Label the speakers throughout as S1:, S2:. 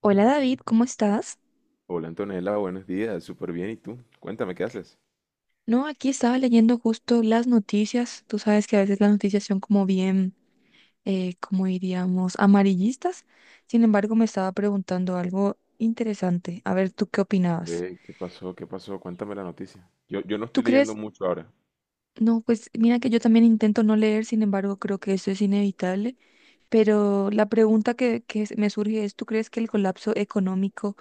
S1: Hola David, ¿cómo estás?
S2: Hola Antonella, buenos días, súper bien. ¿Y tú? Cuéntame, ¿qué haces?
S1: No, aquí estaba leyendo justo las noticias. Tú sabes que a veces las noticias son como bien, como diríamos, amarillistas. Sin embargo, me estaba preguntando algo interesante. A ver, ¿tú qué opinabas?
S2: Ve, ¿qué pasó? ¿Qué pasó? Cuéntame la noticia. Yo no
S1: ¿Tú
S2: estoy leyendo
S1: crees?
S2: mucho ahora.
S1: No, pues mira que yo también intento no leer, sin embargo, creo que eso es inevitable. Pero la pregunta que me surge es, ¿tú crees que el colapso económico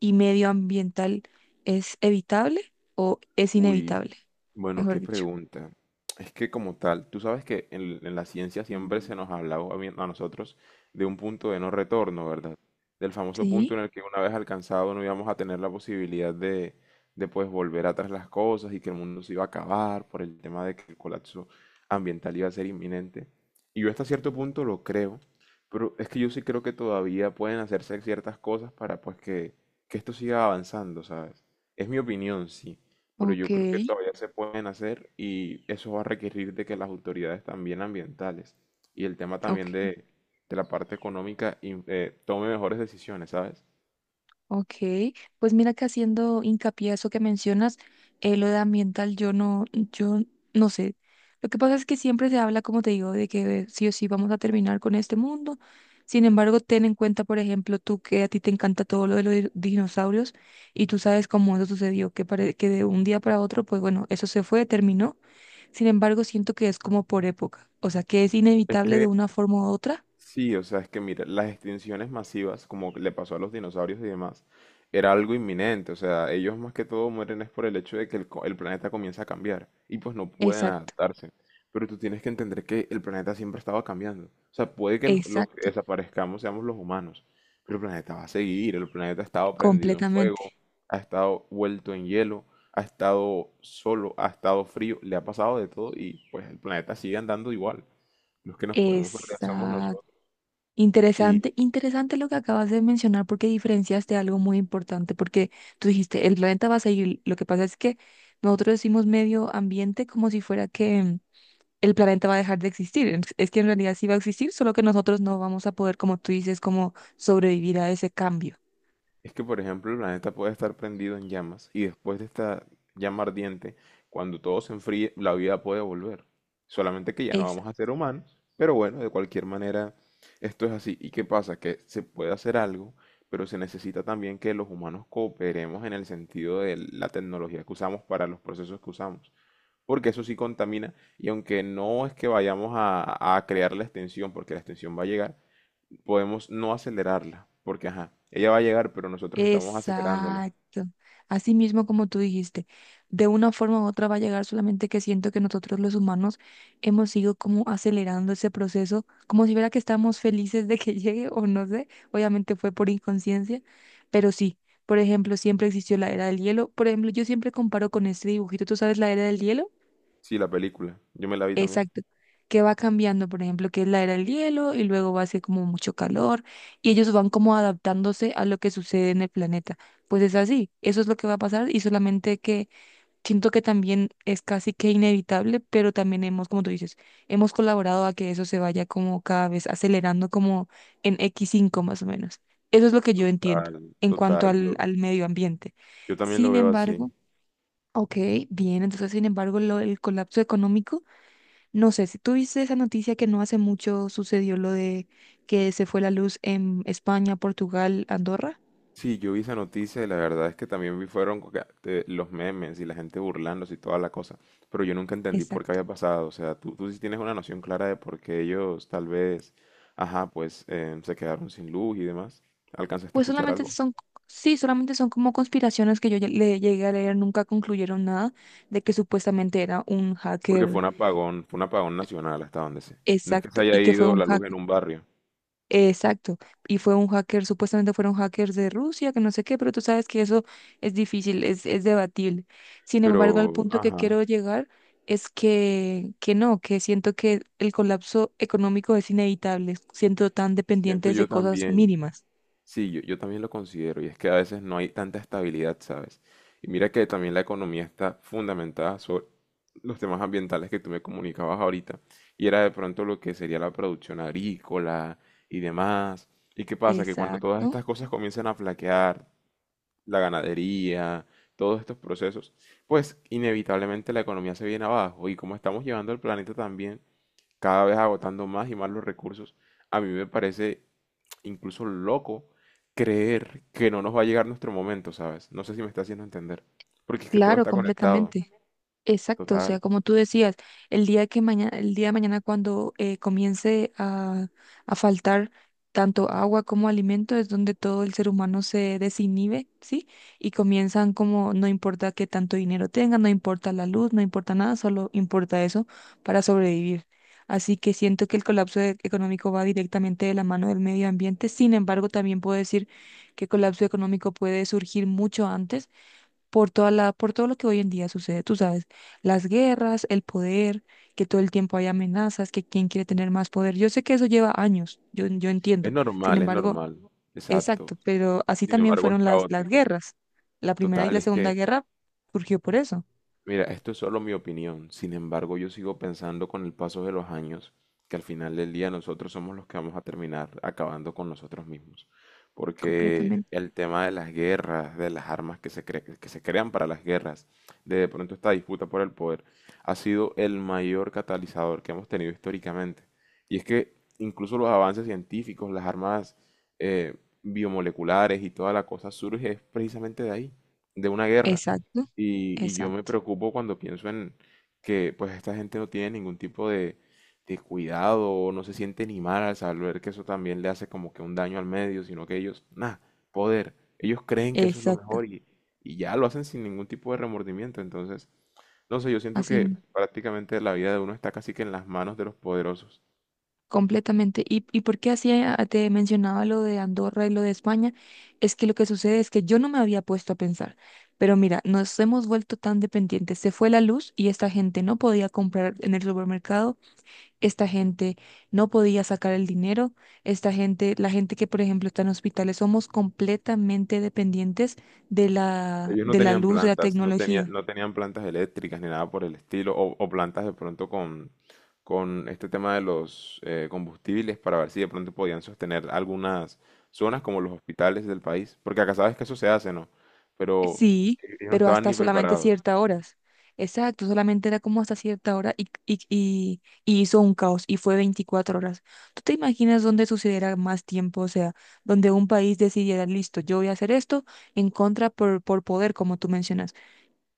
S1: y medioambiental es evitable o es
S2: Uy,
S1: inevitable?
S2: Bueno,
S1: Mejor
S2: qué
S1: dicho.
S2: pregunta. Es que como tal, tú sabes que en la ciencia siempre se nos ha hablado a, a nosotros de un punto de no retorno, ¿verdad? Del famoso punto
S1: Sí.
S2: en el que una vez alcanzado no íbamos a tener la posibilidad de pues volver atrás las cosas y que el mundo se iba a acabar por el tema de que el colapso ambiental iba a ser inminente. Y yo hasta cierto punto lo creo, pero es que yo sí creo que todavía pueden hacerse ciertas cosas para pues que esto siga avanzando, ¿sabes? Es mi opinión, sí, pero
S1: Ok,
S2: yo creo que todavía se pueden hacer y eso va a requerir de que las autoridades también ambientales y el tema también
S1: ok,
S2: de la parte económica tome mejores decisiones, ¿sabes?
S1: ok. Pues mira que haciendo hincapié a eso que mencionas, lo de ambiental, yo no sé. Lo que pasa es que siempre se habla, como te digo, de que sí o sí vamos a terminar con este mundo. Sin embargo, ten en cuenta, por ejemplo, tú que a ti te encanta todo lo de los dinosaurios y tú sabes cómo eso sucedió, que de un día para otro, pues bueno, eso se fue, terminó. Sin embargo, siento que es como por época, o sea, que es
S2: Es
S1: inevitable de
S2: que
S1: una forma u otra.
S2: sí, o sea, es que mira, las extinciones masivas, como le pasó a los dinosaurios y demás, era algo inminente. O sea, ellos más que todo mueren es por el hecho de que el planeta comienza a cambiar y pues no pueden
S1: Exacto,
S2: adaptarse. Pero tú tienes que entender que el planeta siempre estaba cambiando. O sea, puede que los que
S1: exacto,
S2: desaparezcamos seamos los humanos, pero el planeta va a seguir. El planeta ha estado prendido en
S1: completamente.
S2: fuego, ha estado vuelto en hielo, ha estado solo, ha estado frío, le ha pasado de todo y pues el planeta sigue andando igual. Los que nos podemos perder somos
S1: Exacto.
S2: nosotros. Y
S1: Interesante, interesante lo que acabas de mencionar porque diferenciaste algo muy importante, porque tú dijiste, el planeta va a seguir, lo que pasa es que nosotros decimos medio ambiente como si fuera que el planeta va a dejar de existir, es que en realidad sí va a existir, solo que nosotros no vamos a poder, como tú dices, como sobrevivir a ese cambio.
S2: es que, por ejemplo, el planeta puede estar prendido en llamas y después de esta llama ardiente, cuando todo se enfríe, la vida puede volver. Solamente que ya no vamos a ser humanos, pero bueno, de cualquier manera, esto es así. ¿Y qué pasa? Que se puede hacer algo, pero se necesita también que los humanos cooperemos en el sentido de la tecnología que usamos para los procesos que usamos. Porque eso sí contamina y aunque no es que vayamos a crear la extensión, porque la extensión va a llegar, podemos no acelerarla, porque ajá, ella va a llegar, pero nosotros estamos acelerándola.
S1: Exacto. Así mismo como tú dijiste, de una forma u otra va a llegar, solamente que siento que nosotros los humanos hemos ido como acelerando ese proceso, como si fuera que estamos felices de que llegue o no sé, obviamente fue por inconsciencia, pero sí, por ejemplo, siempre existió la era del hielo. Por ejemplo, yo siempre comparo con este dibujito, ¿tú sabes la era del hielo?
S2: Sí, la película, yo me la vi también.
S1: Exacto, que va cambiando, por ejemplo, que es la era del hielo y luego va a ser como mucho calor y ellos van como adaptándose a lo que sucede en el planeta. Pues es así, eso es lo que va a pasar y solamente que siento que también es casi que inevitable, pero también hemos, como tú dices, hemos colaborado a que eso se vaya como cada vez acelerando como en x cinco más o menos. Eso es lo que yo entiendo
S2: Total,
S1: en cuanto
S2: total,
S1: al,
S2: yo,
S1: al medio ambiente.
S2: yo también lo
S1: Sin
S2: veo
S1: embargo,
S2: así.
S1: ok, bien, entonces sin embargo el colapso económico. No sé, si tú viste esa noticia que no hace mucho sucedió lo de que se fue la luz en España, Portugal, Andorra.
S2: Sí, yo vi esa noticia y la verdad es que también vi fueron que, los memes y la gente burlándose y toda la cosa, pero yo nunca entendí por qué
S1: Exacto.
S2: había pasado. O sea, tú sí tienes una noción clara de por qué ellos tal vez, ajá, pues se quedaron sin luz y demás. ¿Alcanzaste a
S1: Pues
S2: escuchar algo?
S1: sí, solamente son como conspiraciones que yo ya le llegué a leer, nunca concluyeron nada de que supuestamente era un
S2: Porque
S1: hacker.
S2: fue un apagón nacional hasta donde sé. No es que
S1: Exacto.
S2: se haya
S1: Y que fue
S2: ido
S1: un
S2: la luz en
S1: hacker.
S2: un barrio.
S1: Exacto. Y fue un hacker, supuestamente fueron hackers de Rusia, que no sé qué, pero tú sabes que eso es difícil, es debatible. Sin embargo, al
S2: Pero,
S1: punto que
S2: ajá,
S1: quiero llegar es que no, que siento que el colapso económico es inevitable, siento tan
S2: siento
S1: dependientes de
S2: yo
S1: cosas
S2: también,
S1: mínimas.
S2: sí, yo también lo considero, y es que a veces no hay tanta estabilidad, ¿sabes? Y mira que también la economía está fundamentada sobre los temas ambientales que tú me comunicabas ahorita, y era de pronto lo que sería la producción agrícola y demás. ¿Y qué pasa? Que cuando todas
S1: Exacto.
S2: estas cosas comienzan a flaquear, la ganadería, todos estos procesos, pues inevitablemente la economía se viene abajo, y como estamos llevando el planeta también, cada vez agotando más y más los recursos. A mí me parece incluso loco creer que no nos va a llegar nuestro momento, ¿sabes? No sé si me está haciendo entender, porque es que todo
S1: Claro,
S2: está conectado,
S1: completamente. Exacto, o sea,
S2: total.
S1: como tú decías, el día de mañana cuando comience a faltar tanto agua como alimento, es donde todo el ser humano se desinhibe, ¿sí? Y comienzan como, no importa qué tanto dinero tengan, no importa la luz, no importa nada, solo importa eso para sobrevivir. Así que siento que el colapso económico va directamente de la mano del medio ambiente. Sin embargo, también puedo decir que el colapso económico puede surgir mucho antes por todo lo que hoy en día sucede, tú sabes, las guerras, el poder, que todo el tiempo hay amenazas, que quién quiere tener más poder. Yo sé que eso lleva años, yo entiendo. Sin
S2: Es
S1: embargo,
S2: normal, exacto.
S1: exacto, pero así
S2: Sin
S1: también
S2: embargo, es
S1: fueron las
S2: caótico.
S1: guerras. La primera y
S2: Total,
S1: la
S2: es
S1: segunda
S2: que
S1: guerra surgió por eso,
S2: mira, esto es solo mi opinión. Sin embargo, yo sigo pensando con el paso de los años que al final del día nosotros somos los que vamos a terminar acabando con nosotros mismos. Porque
S1: completamente.
S2: el tema de las guerras, de las armas que que se crean para las guerras, de pronto esta disputa por el poder, ha sido el mayor catalizador que hemos tenido históricamente. Y es que incluso los avances científicos, las armas eh, biomoleculares y toda la cosa surge precisamente de ahí, de una guerra.
S1: Exacto,
S2: Y yo me
S1: exacto,
S2: preocupo cuando pienso en que pues esta gente no tiene ningún tipo de cuidado o no se siente ni mal al saber que eso también le hace como que un daño al medio, sino que ellos, nada, poder, ellos creen que eso es lo
S1: exacto.
S2: mejor y ya lo hacen sin ningún tipo de remordimiento. Entonces, no sé, yo siento que
S1: Así.
S2: prácticamente la vida de uno está casi que en las manos de los poderosos.
S1: Completamente. ¿Y por qué te mencionaba lo de Andorra y lo de España? Es que lo que sucede es que yo no me había puesto a pensar, pero mira, nos hemos vuelto tan dependientes. Se fue la luz y esta gente no podía comprar en el supermercado, esta gente no podía sacar el dinero, la gente que por ejemplo está en hospitales, somos completamente dependientes
S2: Ellos no
S1: de la
S2: tenían
S1: luz, de la
S2: plantas,
S1: tecnología.
S2: no tenían plantas eléctricas ni nada por el estilo, o plantas de pronto con este tema de los combustibles para ver si de pronto podían sostener algunas zonas como los hospitales del país, porque acá sabes que eso se hace, ¿no? Pero
S1: Sí,
S2: ellos no
S1: pero
S2: estaban
S1: hasta
S2: ni
S1: solamente
S2: preparados.
S1: ciertas horas. Exacto, solamente era como hasta cierta hora y hizo un caos y fue 24 horas. ¿Tú te imaginas dónde sucediera más tiempo? O sea, donde un país decidiera, listo, yo voy a hacer esto en contra por poder, como tú mencionas.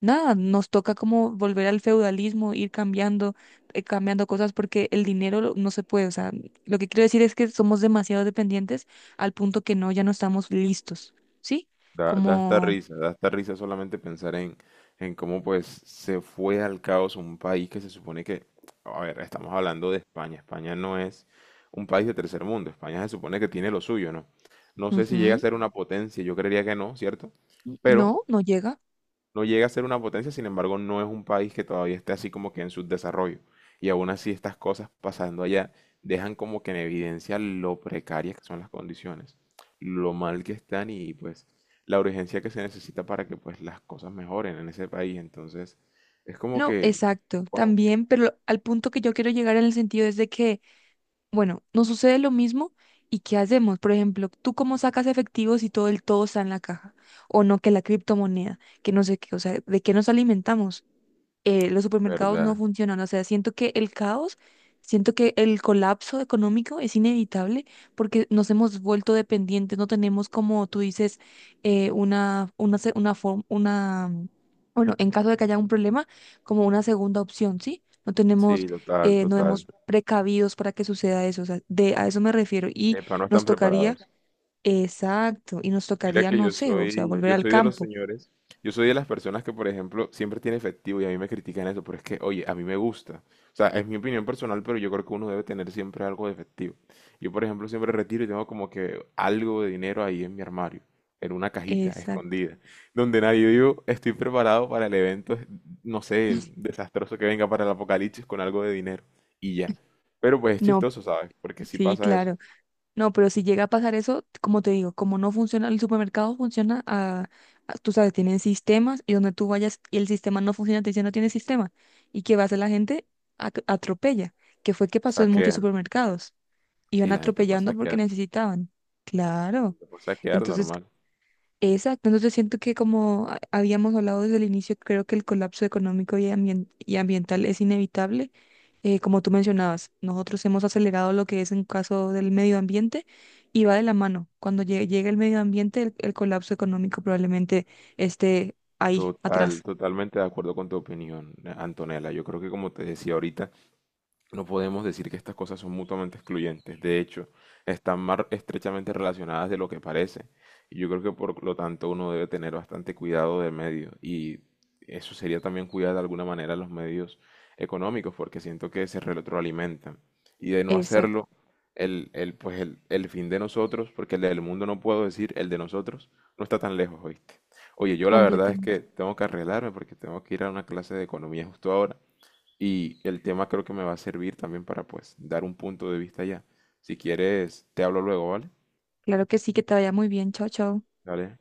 S1: Nada, nos toca como volver al feudalismo, ir cambiando cosas porque el dinero no se puede. O sea, lo que quiero decir es que somos demasiado dependientes al punto que no, ya no estamos listos, ¿sí?
S2: Da,
S1: Como.
S2: da hasta risa solamente pensar en cómo pues se fue al caos un país que se supone que, a ver, estamos hablando de España. España no es un país de tercer mundo. España se supone que tiene lo suyo, ¿no? No sé si llega a
S1: Ujú.
S2: ser una potencia, yo creería que no, ¿cierto? Pero
S1: No, no llega.
S2: no llega a ser una potencia, sin embargo, no es un país que todavía esté así como que en subdesarrollo. Y aún así estas cosas pasando allá dejan como que en evidencia lo precarias que son las condiciones, lo mal que están y pues la urgencia que se necesita para que pues las cosas mejoren en ese país. Entonces, es como
S1: No,
S2: que,
S1: exacto,
S2: wow,
S1: también, pero al punto que yo quiero llegar en el sentido es de que, bueno, nos sucede lo mismo y ¿qué hacemos? Por ejemplo, ¿tú cómo sacas efectivos si todo está en la caja? O no, que la criptomoneda, que no sé qué, o sea, ¿de qué nos alimentamos? Los supermercados no
S2: ¿verdad?
S1: funcionan. O sea, siento que el colapso económico es inevitable porque nos hemos vuelto dependientes, no tenemos, como tú dices, una forma, bueno, en caso de que haya un problema, como una segunda opción, ¿sí? No tenemos,
S2: Sí, total,
S1: no hemos
S2: total.
S1: precavidos para que suceda eso. O sea, a eso me refiero. Y
S2: Epa, no
S1: nos
S2: están
S1: tocaría,
S2: preparados.
S1: exacto, y nos
S2: Mira
S1: tocaría,
S2: que
S1: no sé, o sea, volver
S2: yo
S1: al
S2: soy de los
S1: campo.
S2: señores, yo soy de las personas que, por ejemplo, siempre tiene efectivo y a mí me critican eso, pero es que, oye, a mí me gusta. O sea, es mi opinión personal, pero yo creo que uno debe tener siempre algo de efectivo. Yo, por ejemplo, siempre retiro y tengo como que algo de dinero ahí en mi armario, en una cajita
S1: Exacto.
S2: escondida, donde nadie digo estoy preparado para el evento, no sé, el desastroso que venga para el apocalipsis con algo de dinero y ya. Pero pues es
S1: No,
S2: chistoso, ¿sabes? Porque sí
S1: sí,
S2: pasa eso. O
S1: claro. No, pero si llega a pasar eso, como te digo, como no funciona, el supermercado funciona tú sabes, tienen sistemas y donde tú vayas y el sistema no funciona, te dicen no tiene sistema. ¿Y qué va a hacer la gente? Atropella, que fue que pasó
S2: sea
S1: en muchos
S2: que,
S1: supermercados. Iban
S2: sí, la
S1: atropellando porque necesitaban. Claro.
S2: gente puede saquear
S1: Entonces.
S2: normal.
S1: Exacto. Entonces siento que como habíamos hablado desde el inicio, creo que el colapso económico y ambiental es inevitable. Como tú mencionabas, nosotros hemos acelerado lo que es en caso del medio ambiente y va de la mano. Cuando llegue el medio ambiente, el colapso económico probablemente esté ahí,
S2: Total,
S1: atrás.
S2: totalmente de acuerdo con tu opinión, Antonella. Yo creo que como te decía ahorita, no podemos decir que estas cosas son mutuamente excluyentes. De hecho, están más estrechamente relacionadas de lo que parece. Y yo creo que por lo tanto uno debe tener bastante cuidado de medios. Y eso sería también cuidar de alguna manera los medios económicos, porque siento que se retroalimentan. Y de no
S1: Exacto,
S2: hacerlo, el fin de nosotros, porque el del mundo no puedo decir, el de nosotros, no está tan lejos, ¿oíste? Oye, yo la verdad es
S1: completamente.
S2: que tengo que arreglarme porque tengo que ir a una clase de economía justo ahora. Y el tema creo que me va a servir también para pues dar un punto de vista ya. Si quieres, te hablo luego, ¿vale?
S1: Claro que sí, que te vaya muy bien. Chao, chao.
S2: Dale.